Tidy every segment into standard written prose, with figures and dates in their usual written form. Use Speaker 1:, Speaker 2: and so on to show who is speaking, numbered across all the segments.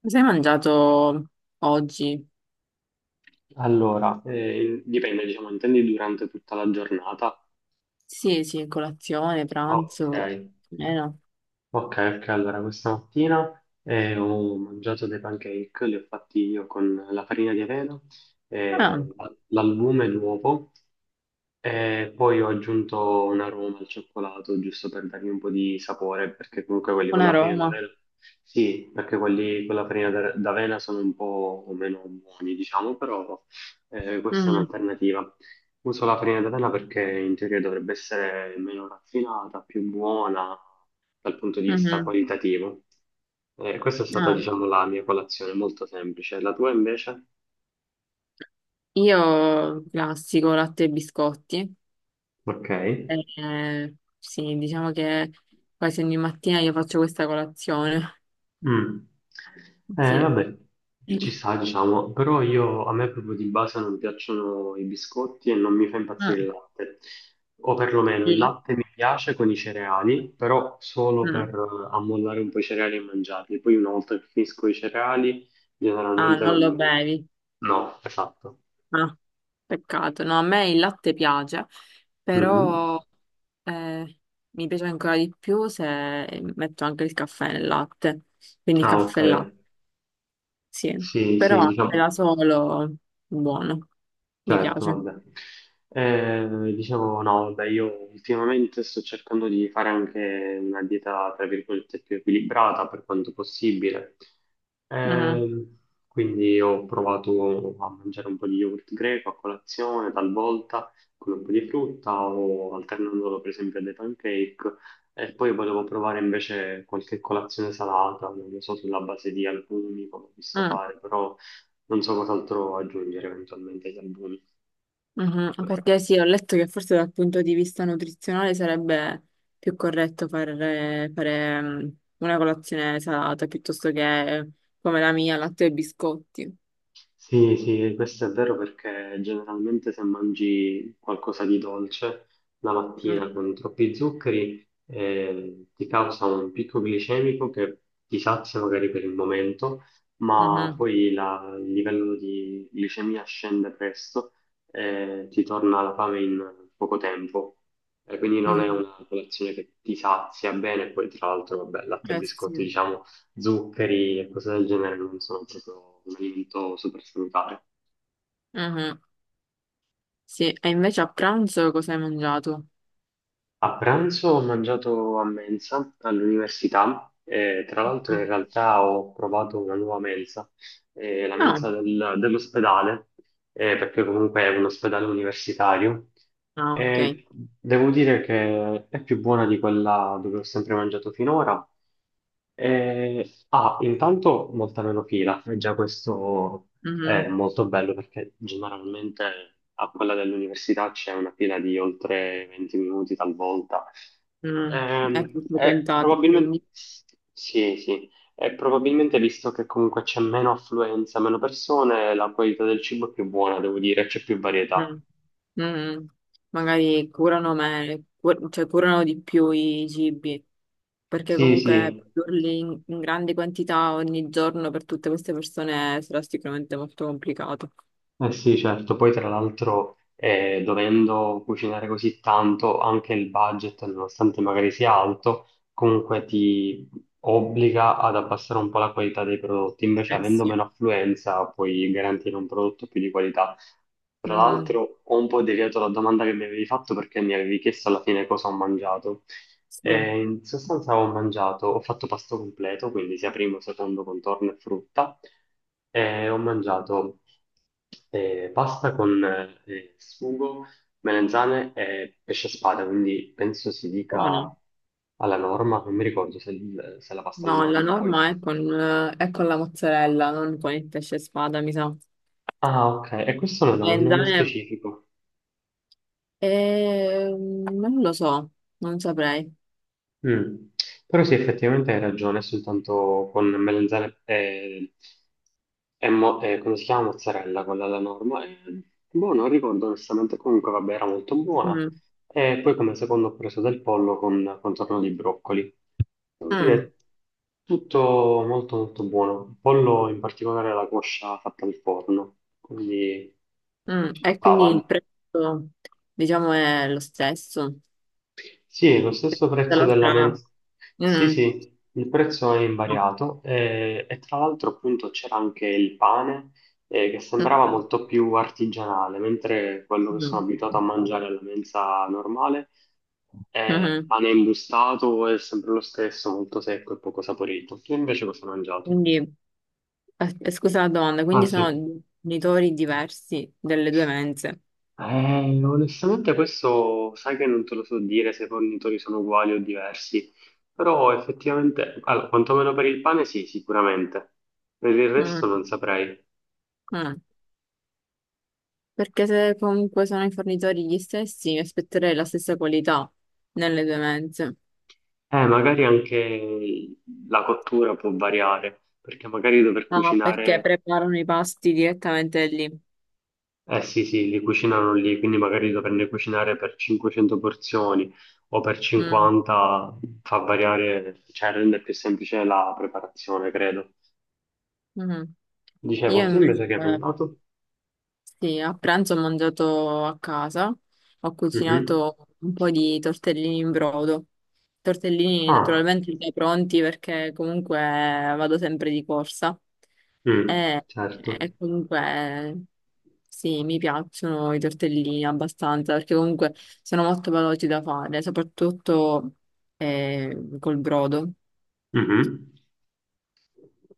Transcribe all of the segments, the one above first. Speaker 1: Cosa hai mangiato oggi?
Speaker 2: Allora, dipende, diciamo, intendi durante tutta la giornata?
Speaker 1: Sì, sì, colazione,
Speaker 2: Ok,
Speaker 1: pranzo, più o meno.
Speaker 2: ok, allora questa mattina ho mangiato dei pancake, li ho fatti io con la farina di avena, eh,
Speaker 1: Ah,
Speaker 2: l'albume e l'uovo. E poi ho aggiunto un aroma al cioccolato, giusto per dargli un po' di sapore, perché comunque quelli
Speaker 1: un
Speaker 2: con la farina
Speaker 1: aroma.
Speaker 2: d'avena, sì, perché quelli con la farina d'avena sono un po' meno buoni, diciamo, però questa è
Speaker 1: Mm,
Speaker 2: un'alternativa. Uso la farina d'avena perché in teoria dovrebbe essere meno raffinata, più buona dal punto di vista
Speaker 1: mhm.
Speaker 2: qualitativo. Questa è stata,
Speaker 1: Ah,
Speaker 2: diciamo, la mia colazione, molto semplice. La tua invece?
Speaker 1: io classico latte e biscotti.
Speaker 2: Ok.
Speaker 1: Sì, diciamo che quasi ogni mattina io faccio questa colazione.
Speaker 2: Mm.
Speaker 1: Sì.
Speaker 2: Vabbè, ci sta, diciamo, però io a me proprio di base non piacciono i biscotti e non mi fa impazzire il
Speaker 1: Mm,
Speaker 2: latte, o perlomeno il
Speaker 1: il latte.
Speaker 2: latte mi piace con i cereali, però solo per
Speaker 1: Mm.
Speaker 2: ammollare un po' i cereali e mangiarli. Poi una volta che finisco i cereali,
Speaker 1: Ah,
Speaker 2: generalmente
Speaker 1: non
Speaker 2: non
Speaker 1: lo
Speaker 2: mi...
Speaker 1: bevi.
Speaker 2: No, esatto.
Speaker 1: Ah, peccato. No, a me il latte piace,
Speaker 2: Mhm.
Speaker 1: però eh, mi piace ancora di più se metto anche il caffè nel latte. Quindi
Speaker 2: Ah, ok.
Speaker 1: caffè e latte, sì.
Speaker 2: Sì,
Speaker 1: Però
Speaker 2: sì,
Speaker 1: latte
Speaker 2: diciamo.
Speaker 1: da solo, buono, mi
Speaker 2: Certo,
Speaker 1: piace.
Speaker 2: vabbè. Dicevo, no, vabbè, io ultimamente sto cercando di fare anche una dieta, tra virgolette, più equilibrata per quanto possibile.
Speaker 1: Mm,
Speaker 2: Ehm, quindi ho provato a mangiare un po' di yogurt greco a colazione, talvolta con un po' di frutta o alternandolo per esempio alle pancake. E poi volevo provare invece qualche colazione salata, non lo so, sulla base di albumi, come ho visto
Speaker 1: mm,
Speaker 2: fare, però non so cos'altro aggiungere eventualmente agli albumi.
Speaker 1: mhm. Perché sì, ho letto che forse dal punto di vista nutrizionale sarebbe più corretto fare una colazione salata piuttosto che come la mia, latte e biscotti.
Speaker 2: Sì, sì, questo è vero perché generalmente se mangi qualcosa di dolce la
Speaker 1: Mm,
Speaker 2: mattina con troppi zuccheri ti causa un picco glicemico che ti sazia magari per il momento, ma
Speaker 1: mhm.
Speaker 2: poi il livello di glicemia scende presto e ti torna la fame in poco tempo. E quindi non è
Speaker 1: Mhm.
Speaker 2: una colazione che ti sazia bene, poi tra l'altro, vabbè, latte e
Speaker 1: Eh sì.
Speaker 2: biscotti, diciamo, zuccheri e cose del genere non sono proprio un alimento super salutare.
Speaker 1: Mhm. Sì, e invece a pranzo cosa hai mangiato?
Speaker 2: A pranzo ho mangiato a mensa all'università e tra l'altro in
Speaker 1: Mhm.
Speaker 2: realtà ho provato una nuova mensa, la mensa
Speaker 1: No.
Speaker 2: dell'ospedale, perché comunque è un ospedale universitario.
Speaker 1: Ah, ok.
Speaker 2: E devo dire che è più buona di quella dove ho sempre mangiato finora. Ah, intanto molta meno fila, e già questo è
Speaker 1: Mhm.
Speaker 2: molto bello perché generalmente a quella dell'università c'è una fila di oltre 20 minuti talvolta.
Speaker 1: Mm.
Speaker 2: Ehm,
Speaker 1: Ecco,
Speaker 2: è
Speaker 1: frequentati,
Speaker 2: probabilmente,
Speaker 1: quindi.
Speaker 2: sì, sì, è probabilmente visto che comunque c'è meno affluenza, meno persone, la qualità del cibo è più buona, devo dire, c'è più varietà.
Speaker 1: Mm. Mm. Magari curano me, cioè curano di più i cibi, perché
Speaker 2: Sì,
Speaker 1: comunque
Speaker 2: sì.
Speaker 1: produrli in grandi quantità ogni giorno per tutte queste persone sarà sicuramente molto complicato.
Speaker 2: Eh sì, certo, poi tra l'altro dovendo cucinare così tanto, anche il budget, nonostante magari sia alto, comunque ti obbliga ad abbassare un po' la qualità dei prodotti, invece
Speaker 1: Eh
Speaker 2: avendo
Speaker 1: sì.
Speaker 2: meno affluenza puoi garantire un prodotto più di qualità. Tra
Speaker 1: Mm.
Speaker 2: l'altro ho un po' deviato la domanda che mi avevi fatto perché mi avevi chiesto alla fine cosa ho mangiato.
Speaker 1: Sì,
Speaker 2: E in sostanza ho mangiato, ho fatto pasto completo, quindi sia primo, secondo, contorno e frutta. E ho mangiato pasta con sugo, melanzane e pesce spada, quindi penso si dica
Speaker 1: buono.
Speaker 2: alla norma, non mi ricordo se, se la pasta alla
Speaker 1: No, la
Speaker 2: norma. Poi...
Speaker 1: norma è è con la mozzarella, non con il pesce spada, mi sa.
Speaker 2: Ah, ok, e questo non ha un nome
Speaker 1: Melanzane,
Speaker 2: specifico.
Speaker 1: non lo so, non saprei.
Speaker 2: Mm. Però sì, effettivamente hai ragione, soltanto con melanzane e e come si chiama mozzarella, quella alla norma. E, boh, non ricordo onestamente, comunque vabbè, era molto buona.
Speaker 1: Mm,
Speaker 2: E poi come secondo ho preso del pollo con contorno di broccoli. Devo
Speaker 1: mm,
Speaker 2: dire, tutto molto molto buono. Il pollo in particolare la coscia fatta al forno, quindi
Speaker 1: mm.
Speaker 2: ci
Speaker 1: E quindi
Speaker 2: stava.
Speaker 1: il prezzo, diciamo, è lo stesso.
Speaker 2: Sì, è lo
Speaker 1: Che
Speaker 2: stesso
Speaker 1: tutta
Speaker 2: prezzo della
Speaker 1: l'altra.
Speaker 2: mensa. Sì,
Speaker 1: Mm,
Speaker 2: sì, il prezzo è
Speaker 1: no.
Speaker 2: invariato, e, tra l'altro appunto c'era anche il pane che sembrava
Speaker 1: Mm,
Speaker 2: molto più artigianale, mentre quello che sono
Speaker 1: mm,
Speaker 2: abituato a mangiare alla mensa normale è
Speaker 1: mhm.
Speaker 2: pane imbustato, è sempre lo stesso, molto secco e poco saporito. Tu invece cosa hai mangiato?
Speaker 1: Quindi, scusa la domanda,
Speaker 2: Ah,
Speaker 1: quindi sono
Speaker 2: sì.
Speaker 1: genitori diversi delle due mense.
Speaker 2: Onestamente questo sai che non te lo so dire se i fornitori sono uguali o diversi, però effettivamente, allora, quantomeno per il pane sì, sicuramente, per il resto
Speaker 1: Mm,
Speaker 2: non saprei.
Speaker 1: mm. Perché se comunque sono i fornitori gli stessi, mi aspetterei la stessa qualità nelle due mense.
Speaker 2: Magari anche la cottura può variare, perché magari dover
Speaker 1: Ah, perché
Speaker 2: cucinare,
Speaker 1: preparano i pasti direttamente lì.
Speaker 2: eh, sì, sì, li cucinano lì, quindi magari doverne cucinare per 500 porzioni o per
Speaker 1: Mm,
Speaker 2: 50 fa variare, cioè rende più semplice la preparazione, credo.
Speaker 1: mm. Io
Speaker 2: Dicevo, tu
Speaker 1: invece.
Speaker 2: invece che hai pensato?
Speaker 1: Sì, a pranzo ho mangiato a casa, ho
Speaker 2: Mhm.
Speaker 1: cucinato un po' di tortellini in brodo. Tortellini
Speaker 2: Ah,
Speaker 1: naturalmente già pronti perché comunque vado sempre di corsa
Speaker 2: mm,
Speaker 1: e,
Speaker 2: certo.
Speaker 1: e comunque sì, mi piacciono i tortellini abbastanza perché comunque sono molto veloci da fare, soprattutto col brodo.
Speaker 2: Mhm.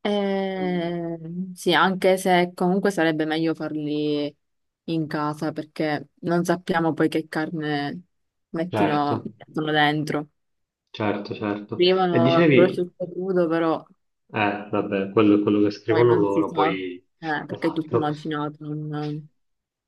Speaker 1: Eh, sì, anche se comunque sarebbe meglio farli in casa perché non sappiamo poi che carne
Speaker 2: Certo,
Speaker 1: mettono dentro.
Speaker 2: certo, certo. E
Speaker 1: Arrivano
Speaker 2: dicevi,
Speaker 1: prosciutto crudo, però
Speaker 2: vabbè, quello è quello che
Speaker 1: poi
Speaker 2: scrivono
Speaker 1: non si
Speaker 2: loro,
Speaker 1: sa,
Speaker 2: poi,
Speaker 1: perché è tutto
Speaker 2: esatto.
Speaker 1: macinato.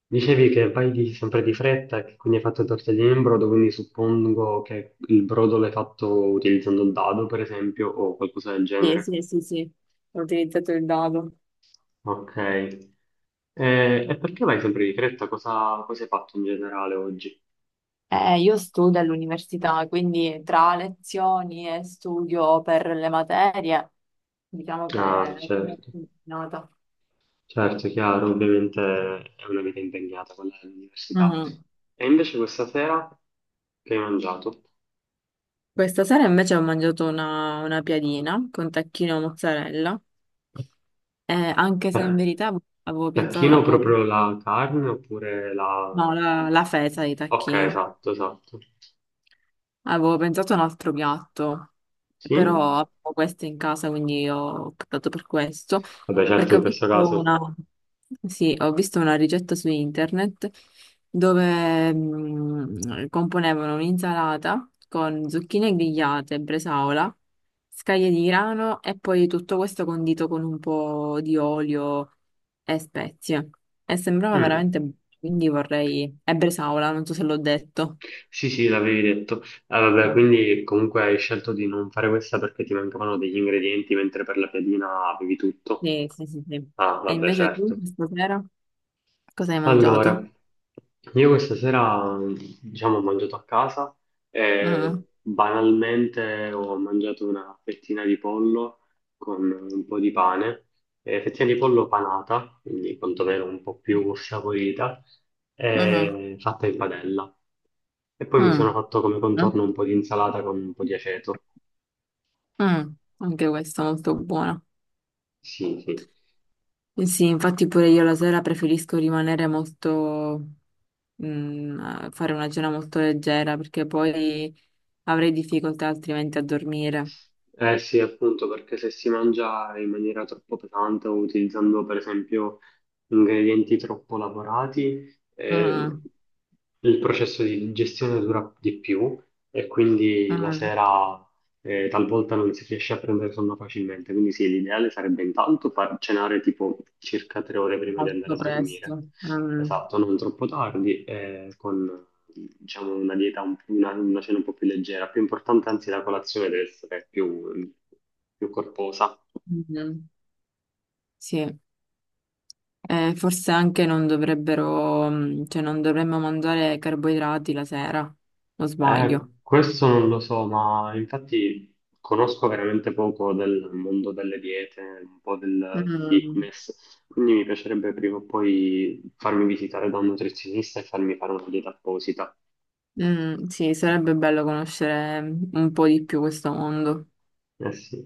Speaker 2: Dicevi che vai sempre di fretta, che quindi hai fatto tortellini in brodo, quindi suppongo che il brodo l'hai fatto utilizzando il dado, per esempio, o qualcosa del
Speaker 1: Sì,
Speaker 2: genere.
Speaker 1: sì, sì, sì, ho utilizzato il dado.
Speaker 2: Ok. E perché vai sempre di fretta? Cosa, cosa hai fatto in generale oggi?
Speaker 1: Io studio all'università, quindi tra lezioni e studio per le materie, diciamo che
Speaker 2: Ah,
Speaker 1: è molto
Speaker 2: certo.
Speaker 1: impegnata.
Speaker 2: Certo, chiaro, ovviamente è una vita impegnata quella dell'università.
Speaker 1: Mhm.
Speaker 2: E invece questa sera che hai mangiato?
Speaker 1: Questa sera invece ho mangiato una piadina con tacchino e mozzarella, anche se in verità avevo pensato,
Speaker 2: Tacchino
Speaker 1: avevo,
Speaker 2: proprio la carne oppure la...
Speaker 1: no, la fesa di
Speaker 2: Ok,
Speaker 1: tacchino.
Speaker 2: esatto, esatto.
Speaker 1: Avevo pensato a un altro piatto,
Speaker 2: Sì?
Speaker 1: però avevo questo in casa, quindi ho optato per questo,
Speaker 2: Vabbè, certo,
Speaker 1: perché
Speaker 2: in questo caso...
Speaker 1: sì, ho visto una ricetta su internet dove componevano un'insalata con zucchine grigliate, bresaola, scaglie di grano e poi tutto questo condito con un po' di olio e spezie. E sembrava
Speaker 2: Mm.
Speaker 1: veramente, buono, quindi vorrei. E bresaola, non so se l'ho detto.
Speaker 2: Sì, sì, l'avevi detto. Ah, vabbè,
Speaker 1: No.
Speaker 2: quindi comunque hai scelto di non fare questa perché ti mancavano degli ingredienti, mentre per la piadina avevi tutto.
Speaker 1: Sì, sì, sì, sì.
Speaker 2: Ah,
Speaker 1: E
Speaker 2: vabbè,
Speaker 1: invece tu
Speaker 2: certo.
Speaker 1: stasera cosa hai
Speaker 2: Allora,
Speaker 1: mangiato?
Speaker 2: io questa sera, diciamo, ho mangiato a casa
Speaker 1: Mm,
Speaker 2: e banalmente ho mangiato una fettina di pollo con un po' di pane, fettina di pollo panata, quindi quantomeno un po' più saporita,
Speaker 1: mhm,
Speaker 2: fatta in padella. E poi mi sono
Speaker 1: mm,
Speaker 2: fatto come
Speaker 1: mm,
Speaker 2: contorno un po' di insalata con un po' di aceto.
Speaker 1: mm. Anche questo molto buono.
Speaker 2: Sì, sì.
Speaker 1: Eh sì, infatti pure io la sera preferisco rimanere molto, a fare una cena molto leggera perché poi avrei difficoltà altrimenti a dormire.
Speaker 2: Eh sì, appunto, perché se si mangia in maniera troppo pesante o utilizzando per esempio ingredienti troppo lavorati, eh,
Speaker 1: Mm,
Speaker 2: il processo di digestione dura di più e quindi la
Speaker 1: mm.
Speaker 2: sera talvolta non si riesce a prendere sonno facilmente, quindi sì, l'ideale sarebbe intanto far cenare tipo circa 3 ore prima di andare
Speaker 1: Molto
Speaker 2: a dormire,
Speaker 1: presto. Mm,
Speaker 2: esatto, non troppo tardi, con diciamo una cena un po' più leggera, più importante anzi la colazione deve essere più più corposa.
Speaker 1: mm. Sì. Forse anche non dovrebbero, cioè non dovremmo mangiare carboidrati la sera, o sbaglio?
Speaker 2: Questo non lo so, ma infatti conosco veramente poco del mondo delle diete, un po' del
Speaker 1: Mm,
Speaker 2: fitness, quindi mi piacerebbe prima o poi farmi visitare da un nutrizionista e farmi fare una dieta apposita.
Speaker 1: mm, sì, sarebbe bello conoscere un po' di più questo mondo.
Speaker 2: Eh sì.